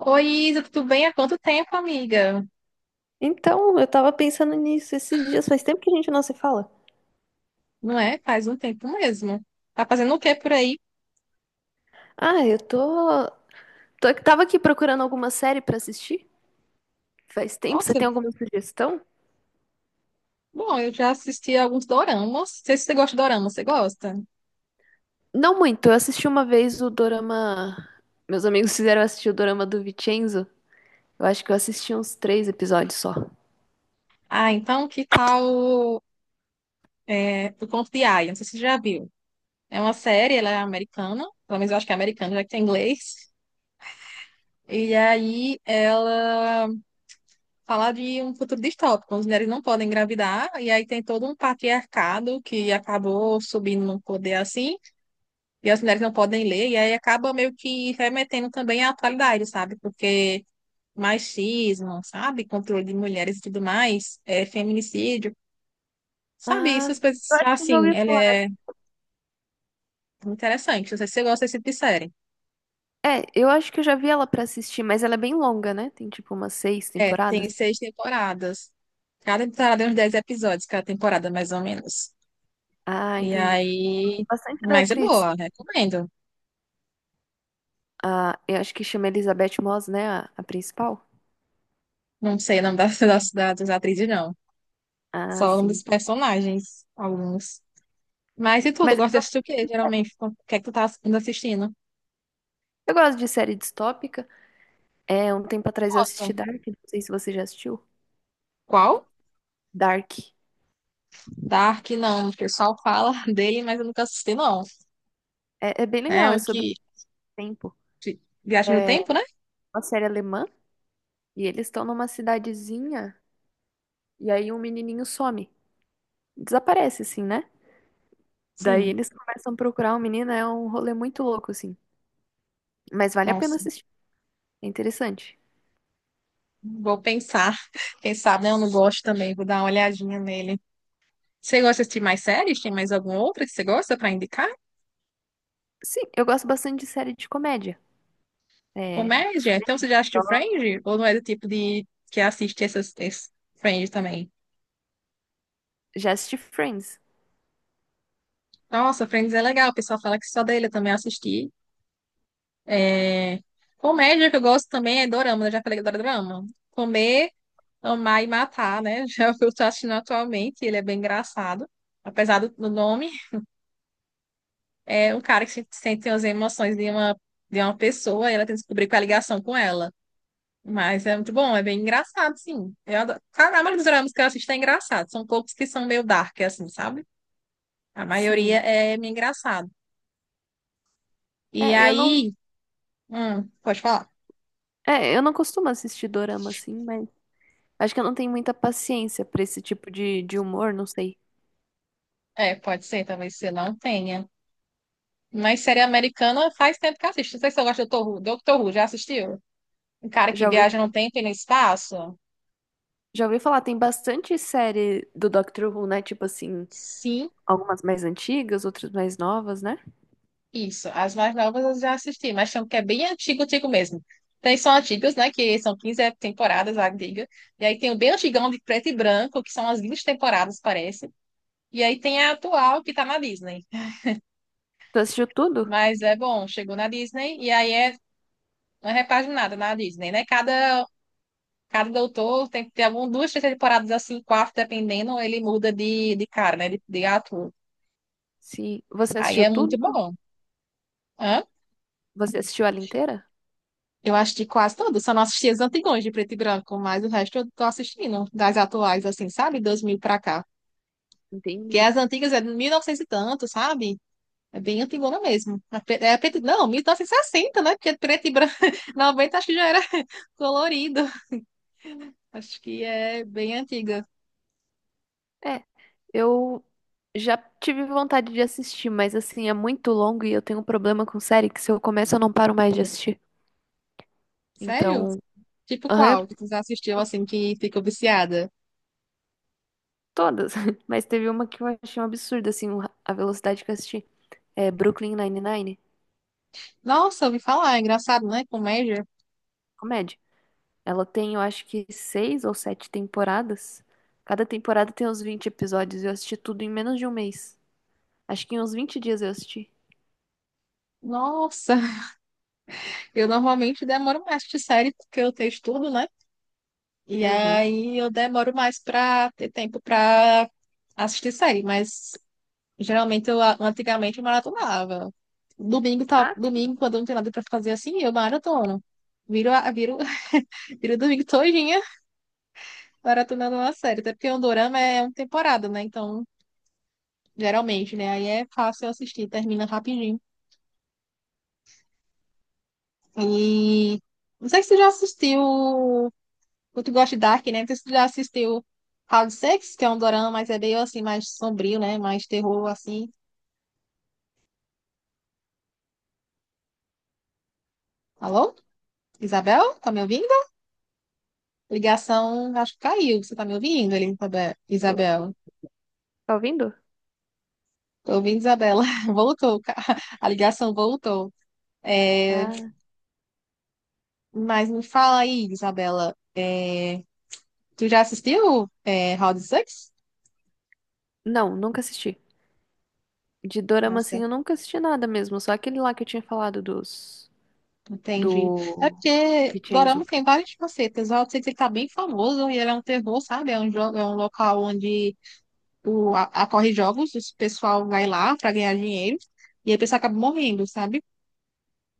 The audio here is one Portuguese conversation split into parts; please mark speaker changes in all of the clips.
Speaker 1: Oi, Isa, tudo bem? Há quanto tempo, amiga?
Speaker 2: Então, eu tava pensando nisso esses dias, faz tempo que a gente não se fala.
Speaker 1: Não é? Faz um tempo mesmo. Tá fazendo o que por aí?
Speaker 2: Ah, eu tô, tava aqui procurando alguma série pra assistir. Faz tempo, você
Speaker 1: Nossa,
Speaker 2: tem alguma sugestão?
Speaker 1: bom, eu já assisti alguns doramas. Não sei se você gosta de dorama, você gosta?
Speaker 2: Não muito, eu assisti uma vez o Dorama. Meus amigos fizeram eu assistir o Dorama do Vincenzo. Eu acho que eu assisti uns três episódios só.
Speaker 1: Ah, então que tal O Conto de Aia? Não sei se você já viu. É uma série, ela é americana, pelo menos eu acho que é americana, já que tem inglês. E aí ela fala de um futuro distópico, onde as mulheres não podem engravidar, e aí tem todo um patriarcado que acabou subindo no poder assim. E as mulheres não podem ler, e aí acaba meio que remetendo também à atualidade, sabe? Porque machismo, sabe? Controle de mulheres e tudo mais, é, feminicídio, sabe?
Speaker 2: Ah,
Speaker 1: Essas
Speaker 2: eu
Speaker 1: coisas,
Speaker 2: acho que eu já
Speaker 1: assim,
Speaker 2: ouvi
Speaker 1: ela
Speaker 2: falar.
Speaker 1: é interessante. Não sei se você gosta desse tipo de série.
Speaker 2: É, eu acho que eu já vi ela pra assistir, mas ela é bem longa, né? Tem tipo umas seis
Speaker 1: É, tem
Speaker 2: temporadas.
Speaker 1: 6 temporadas. Cada temporada tem uns 10 episódios, cada temporada, mais ou menos.
Speaker 2: Ah,
Speaker 1: E
Speaker 2: entendi.
Speaker 1: aí.
Speaker 2: Bastante da
Speaker 1: Mas é
Speaker 2: atriz.
Speaker 1: boa, recomendo.
Speaker 2: Ah, eu acho que chama Elizabeth Moss, né? A principal.
Speaker 1: Não sei o nome das atrizes, não.
Speaker 2: Ah,
Speaker 1: Só o nome
Speaker 2: sim.
Speaker 1: dos personagens, alguns. Mas e tu, tu
Speaker 2: Mas
Speaker 1: gosta de
Speaker 2: eu
Speaker 1: assistir o quê, geralmente? O que é que tu tá assistindo?
Speaker 2: eu gosto de série distópica. É, um tempo atrás eu
Speaker 1: Gosta.
Speaker 2: assisti Dark, não sei se você já assistiu.
Speaker 1: Qual?
Speaker 2: Dark.
Speaker 1: Dark, não. O pessoal fala dele, mas eu nunca assisti, não.
Speaker 2: É, é bem
Speaker 1: É
Speaker 2: legal, é
Speaker 1: o
Speaker 2: sobre o
Speaker 1: que...
Speaker 2: tempo.
Speaker 1: Viagem no tempo, né?
Speaker 2: Uma série alemã, e eles estão numa cidadezinha, e aí um menininho some. Desaparece, assim, né? Daí
Speaker 1: Sim.
Speaker 2: eles começam a procurar o menino, é um rolê muito louco, assim. Mas vale a pena
Speaker 1: Nossa.
Speaker 2: assistir, é interessante.
Speaker 1: Vou pensar. Quem sabe, né? Eu não gosto também. Vou dar uma olhadinha nele. Você gosta de assistir mais séries? Tem mais alguma outra que você gosta pra indicar?
Speaker 2: Sim, eu gosto bastante de série de comédia. É,
Speaker 1: Comédia? Então você já assistiu Friends? Ou não é do tipo de... que assiste essas... esse Friends também?
Speaker 2: já assisti Friends.
Speaker 1: Nossa, Friends é legal. O pessoal fala que só dele eu também assisti. É, comédia que eu gosto também é dorama, né? Já falei que eu adoro dorama. Comer, amar e matar, né? Já é o que eu estou assistindo atualmente, ele é bem engraçado. Apesar do nome, é um cara que sente as emoções de uma pessoa e ela tem que descobrir qual é a ligação com ela. Mas é muito bom, é bem engraçado, sim. Eu adoro. A maioria dos dramas que eu assisto é engraçado. São poucos que são meio dark, assim, sabe? A maioria
Speaker 2: Sim.
Speaker 1: é meio engraçado. E
Speaker 2: É, eu não,
Speaker 1: aí, pode falar?
Speaker 2: eu não costumo assistir dorama, assim, mas... Acho que eu não tenho muita paciência pra esse tipo de humor, não sei.
Speaker 1: É, pode ser, talvez você não tenha. Mas série americana faz tempo que eu assisto. Não sei se eu gosto do Doctor Who. Dr. Who, já assistiu? Um cara que
Speaker 2: Já ouvi,
Speaker 1: viaja no tempo e no espaço?
Speaker 2: já ouvi falar, tem bastante série do Doctor Who, né? Tipo assim,
Speaker 1: Sim,
Speaker 2: algumas mais antigas, outras mais novas, né?
Speaker 1: isso. As mais novas eu já assisti, mas tem um que é bem antigo, antigo mesmo. Tem são antigas, né? Que são 15 temporadas, a diga. E aí tem o bem antigão de preto e branco, que são as 20 temporadas, parece. E aí tem a atual, que tá na Disney.
Speaker 2: Tu assistiu tudo?
Speaker 1: Mas é bom, chegou na Disney e aí é uma repaginada na Disney, né? Cada doutor tem que ter algumas duas, três temporadas assim, quatro, dependendo, ele muda de cara, né? De ator.
Speaker 2: Sim. Você
Speaker 1: Aí
Speaker 2: assistiu
Speaker 1: é muito
Speaker 2: tudo?
Speaker 1: bom. Hã?
Speaker 2: Você assistiu ela inteira?
Speaker 1: Eu assisti quase todas, só não assisti as antigões de preto e branco, mas o resto eu tô assistindo, das atuais, assim, sabe? 2000 pra cá. Porque
Speaker 2: Entendi.
Speaker 1: as antigas é de 1900 e novecentos e tanto, sabe? É bem antigona mesmo. É é preto, não, 1960, né? Porque preto e branco, 90 acho que já era colorido. Acho que é bem antiga.
Speaker 2: É, eu já tive vontade de assistir, mas assim, é muito longo e eu tenho um problema com série que se eu começo eu não paro mais de assistir.
Speaker 1: Sério?
Speaker 2: Então,
Speaker 1: Tipo
Speaker 2: aham,
Speaker 1: qual que tu já assistiu, assim, que ficou viciada?
Speaker 2: todas. Mas teve uma que eu achei um absurdo, assim, a velocidade que eu assisti. É Brooklyn Nine-Nine,
Speaker 1: Nossa, ouvi falar, é engraçado, né? Comédia.
Speaker 2: comédia. Ela tem, eu acho que seis ou sete temporadas. Cada temporada tem uns 20 episódios. Eu assisti tudo em menos de um mês. Acho que em uns 20 dias eu assisti.
Speaker 1: Nossa, eu normalmente demoro mais de série porque eu tenho estudo, né? E
Speaker 2: Uhum.
Speaker 1: aí eu demoro mais pra ter tempo pra assistir série, mas geralmente antigamente eu maratonava. Domingo, tá,
Speaker 2: Ah,
Speaker 1: domingo, quando eu não tenho nada pra fazer assim, eu maratono. Viro, viro, viro o domingo todinha maratonando uma série, até porque o dorama é uma temporada, né? Então, geralmente, né? Aí é fácil assistir, termina rapidinho. E não sei se tu já assistiu. Tu gosta de Dark, né? Não sei se tu já assistiu House Sex, que é um dorama, mas é meio assim, mais sombrio, né? Mais terror, assim. Alô? Isabel? Tá me ouvindo? Ligação, acho que caiu. Você tá me ouvindo, Elizabeth?
Speaker 2: do-
Speaker 1: Isabel?
Speaker 2: tá ouvindo?
Speaker 1: Tô ouvindo, Isabela. Voltou. A ligação voltou. É,
Speaker 2: Ah.
Speaker 1: Mas me fala aí, Isabela. É, Tu já assistiu House Sex?
Speaker 2: Não, nunca assisti. De Dorama, assim, eu nunca assisti nada mesmo. Só aquele lá que eu tinha falado dos...
Speaker 1: Entendi. É
Speaker 2: Do...
Speaker 1: porque Dorama
Speaker 2: Vincenzo.
Speaker 1: tem várias facetas. O Route 66 tá bem famoso e ele é um terror, sabe? É um, jogo, é um local onde ocorre jogos, o pessoal vai lá pra ganhar dinheiro e aí o pessoal acaba morrendo, sabe?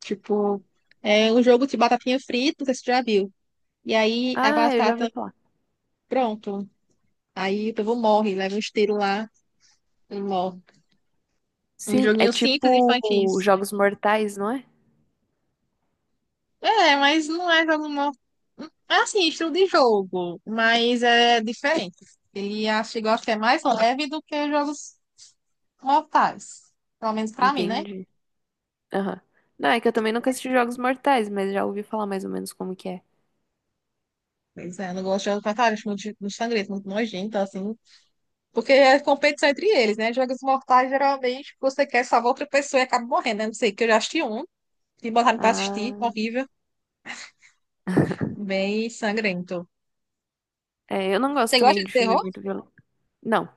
Speaker 1: Tipo, é um jogo de batatinha frita, não sei se você já viu. E aí a
Speaker 2: Ah, eu já
Speaker 1: batata,
Speaker 2: ouvi falar.
Speaker 1: pronto. Aí o povo morre, leva um esteiro lá e morre. Um
Speaker 2: Sim, é
Speaker 1: joguinho simples, infantil.
Speaker 2: tipo Jogos Mortais, não é?
Speaker 1: É, mas não é jogo morto. É assim, estilo de jogo, mas é diferente. Ele acho que gosta que é mais leve do que jogos mortais. Pelo menos pra mim, né?
Speaker 2: Entende? Aham. Não, é que eu também nunca assisti Jogos Mortais, mas já ouvi falar mais ou menos como que é.
Speaker 1: Pois é, eu não gosto de jogos mortais, acho muito, muito sangrento, muito nojento, assim. Porque é competição entre eles, né? Jogos mortais, geralmente, você quer salvar outra pessoa e acaba morrendo, né? Não sei, que eu já assisti um, que botaram pra assistir,
Speaker 2: Ah,
Speaker 1: horrível, bem sangrento.
Speaker 2: é, eu não gosto
Speaker 1: Você gosta
Speaker 2: também
Speaker 1: de
Speaker 2: de filme
Speaker 1: terror?
Speaker 2: muito violento. Não,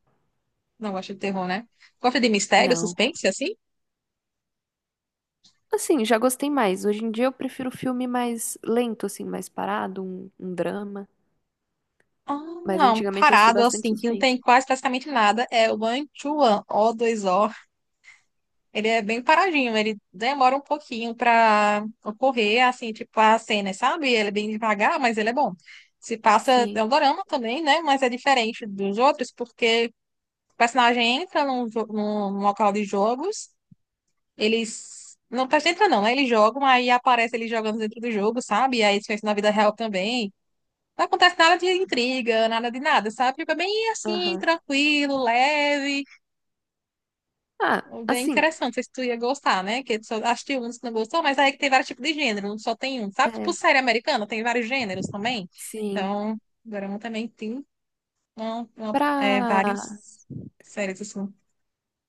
Speaker 1: Não gosta de terror, né? Gosta de mistério,
Speaker 2: não.
Speaker 1: suspense, assim?
Speaker 2: Assim, já gostei mais. Hoje em dia eu prefiro filme mais lento, assim, mais parado, um drama. Mas
Speaker 1: Ah, um
Speaker 2: antigamente eu assistia
Speaker 1: parado
Speaker 2: bastante
Speaker 1: assim, que não
Speaker 2: suspense.
Speaker 1: tem quase praticamente nada, é o Manchuan, o dois o. Ele é bem paradinho, ele demora um pouquinho pra ocorrer, assim, tipo a cena, sabe? Ele é bem devagar, mas ele é bom. Se passa, é
Speaker 2: Sim,
Speaker 1: um dorama também, né? Mas é diferente dos outros, porque o personagem entra num, num local de jogos, eles. Não, o personagem entra não, né? Ele joga, aí aparece ele jogando dentro do jogo, sabe? E aí isso é na vida real também. Não acontece nada de intriga, nada de nada, sabe? Fica bem assim,
Speaker 2: aham.
Speaker 1: tranquilo, leve,
Speaker 2: Ah,
Speaker 1: bem
Speaker 2: assim,
Speaker 1: interessante. Não sei se tu ia gostar, né? Que tu só assistiu uns que não gostou, mas aí que tem vários tipos de gênero, não só tem um, sabe? Tipo
Speaker 2: é,
Speaker 1: série americana, tem vários gêneros também.
Speaker 2: sim.
Speaker 1: Então, Dorama também tem
Speaker 2: Pra,
Speaker 1: várias séries assim.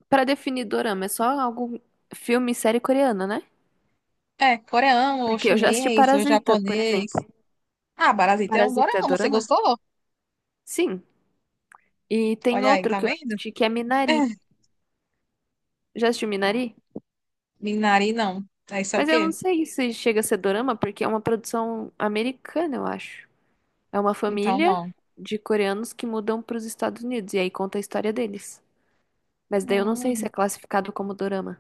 Speaker 2: pra definir dorama, é só algum filme e série coreana, né?
Speaker 1: É, coreano, ou
Speaker 2: Porque eu já assisti
Speaker 1: chinês, ou
Speaker 2: Parasita, por exemplo.
Speaker 1: japonês. Ah, Parasita é um
Speaker 2: Parasita é
Speaker 1: dorama, você
Speaker 2: dorama?
Speaker 1: gostou?
Speaker 2: Sim. E tem
Speaker 1: Olha aí,
Speaker 2: outro
Speaker 1: tá
Speaker 2: que eu
Speaker 1: vendo?
Speaker 2: assisti que é Minari. Já assistiu Minari?
Speaker 1: Minari, não. Aí isso é o
Speaker 2: Mas eu não
Speaker 1: quê?
Speaker 2: sei se chega a ser dorama, porque é uma produção americana, eu acho. É uma
Speaker 1: Então,
Speaker 2: família
Speaker 1: não.
Speaker 2: de coreanos que mudam para os Estados Unidos, e aí conta a história deles. Mas daí eu não sei se
Speaker 1: Hum.
Speaker 2: é classificado como dorama.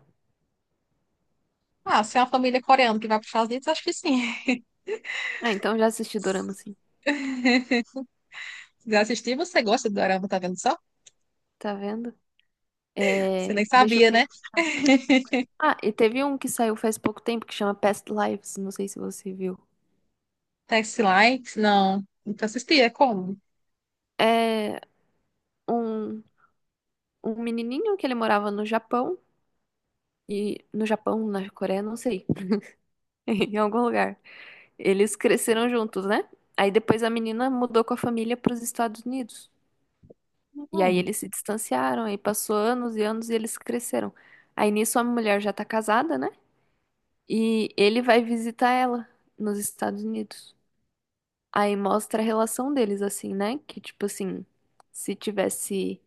Speaker 1: Ah, se é uma família coreana que vai para os Estados Unidos, acho que sim.
Speaker 2: Ah, então já assisti dorama, sim.
Speaker 1: Se quiser assistir, você gosta do dorama, tá vendo só?
Speaker 2: Tá vendo? É...
Speaker 1: Você nem
Speaker 2: Deixa eu
Speaker 1: sabia, né?
Speaker 2: pensar. Ah, e teve um que saiu faz pouco tempo que chama Past Lives, não sei se você viu.
Speaker 1: Taxi Likes, não. Nunca assisti, é como?
Speaker 2: É um, um menininho que ele morava no Japão, e no Japão, na Coreia, não sei. em algum lugar. Eles cresceram juntos, né? Aí depois a menina mudou com a família para os Estados Unidos. E aí
Speaker 1: Não,
Speaker 2: eles se distanciaram, aí passou anos e anos e eles cresceram. Aí nisso a mulher já tá casada, né? E ele vai visitar ela nos Estados Unidos. Aí mostra a relação deles assim, né? Que tipo assim, se tivesse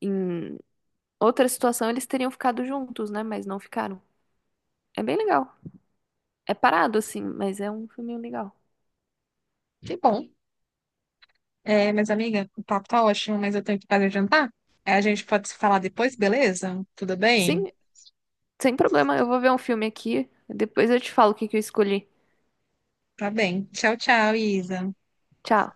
Speaker 2: em outra situação eles teriam ficado juntos, né? Mas não ficaram. É bem legal. É parado assim, mas é um filminho legal.
Speaker 1: que bom. É, mas amiga, o papo tá ótimo, mas eu tenho que fazer jantar. Aí a gente pode se falar depois, beleza? Tudo bem?
Speaker 2: Sim, sem problema, eu vou ver um filme aqui. Depois eu te falo o que que eu escolhi.
Speaker 1: Tá bem. Tchau, tchau, Isa.
Speaker 2: Tchau.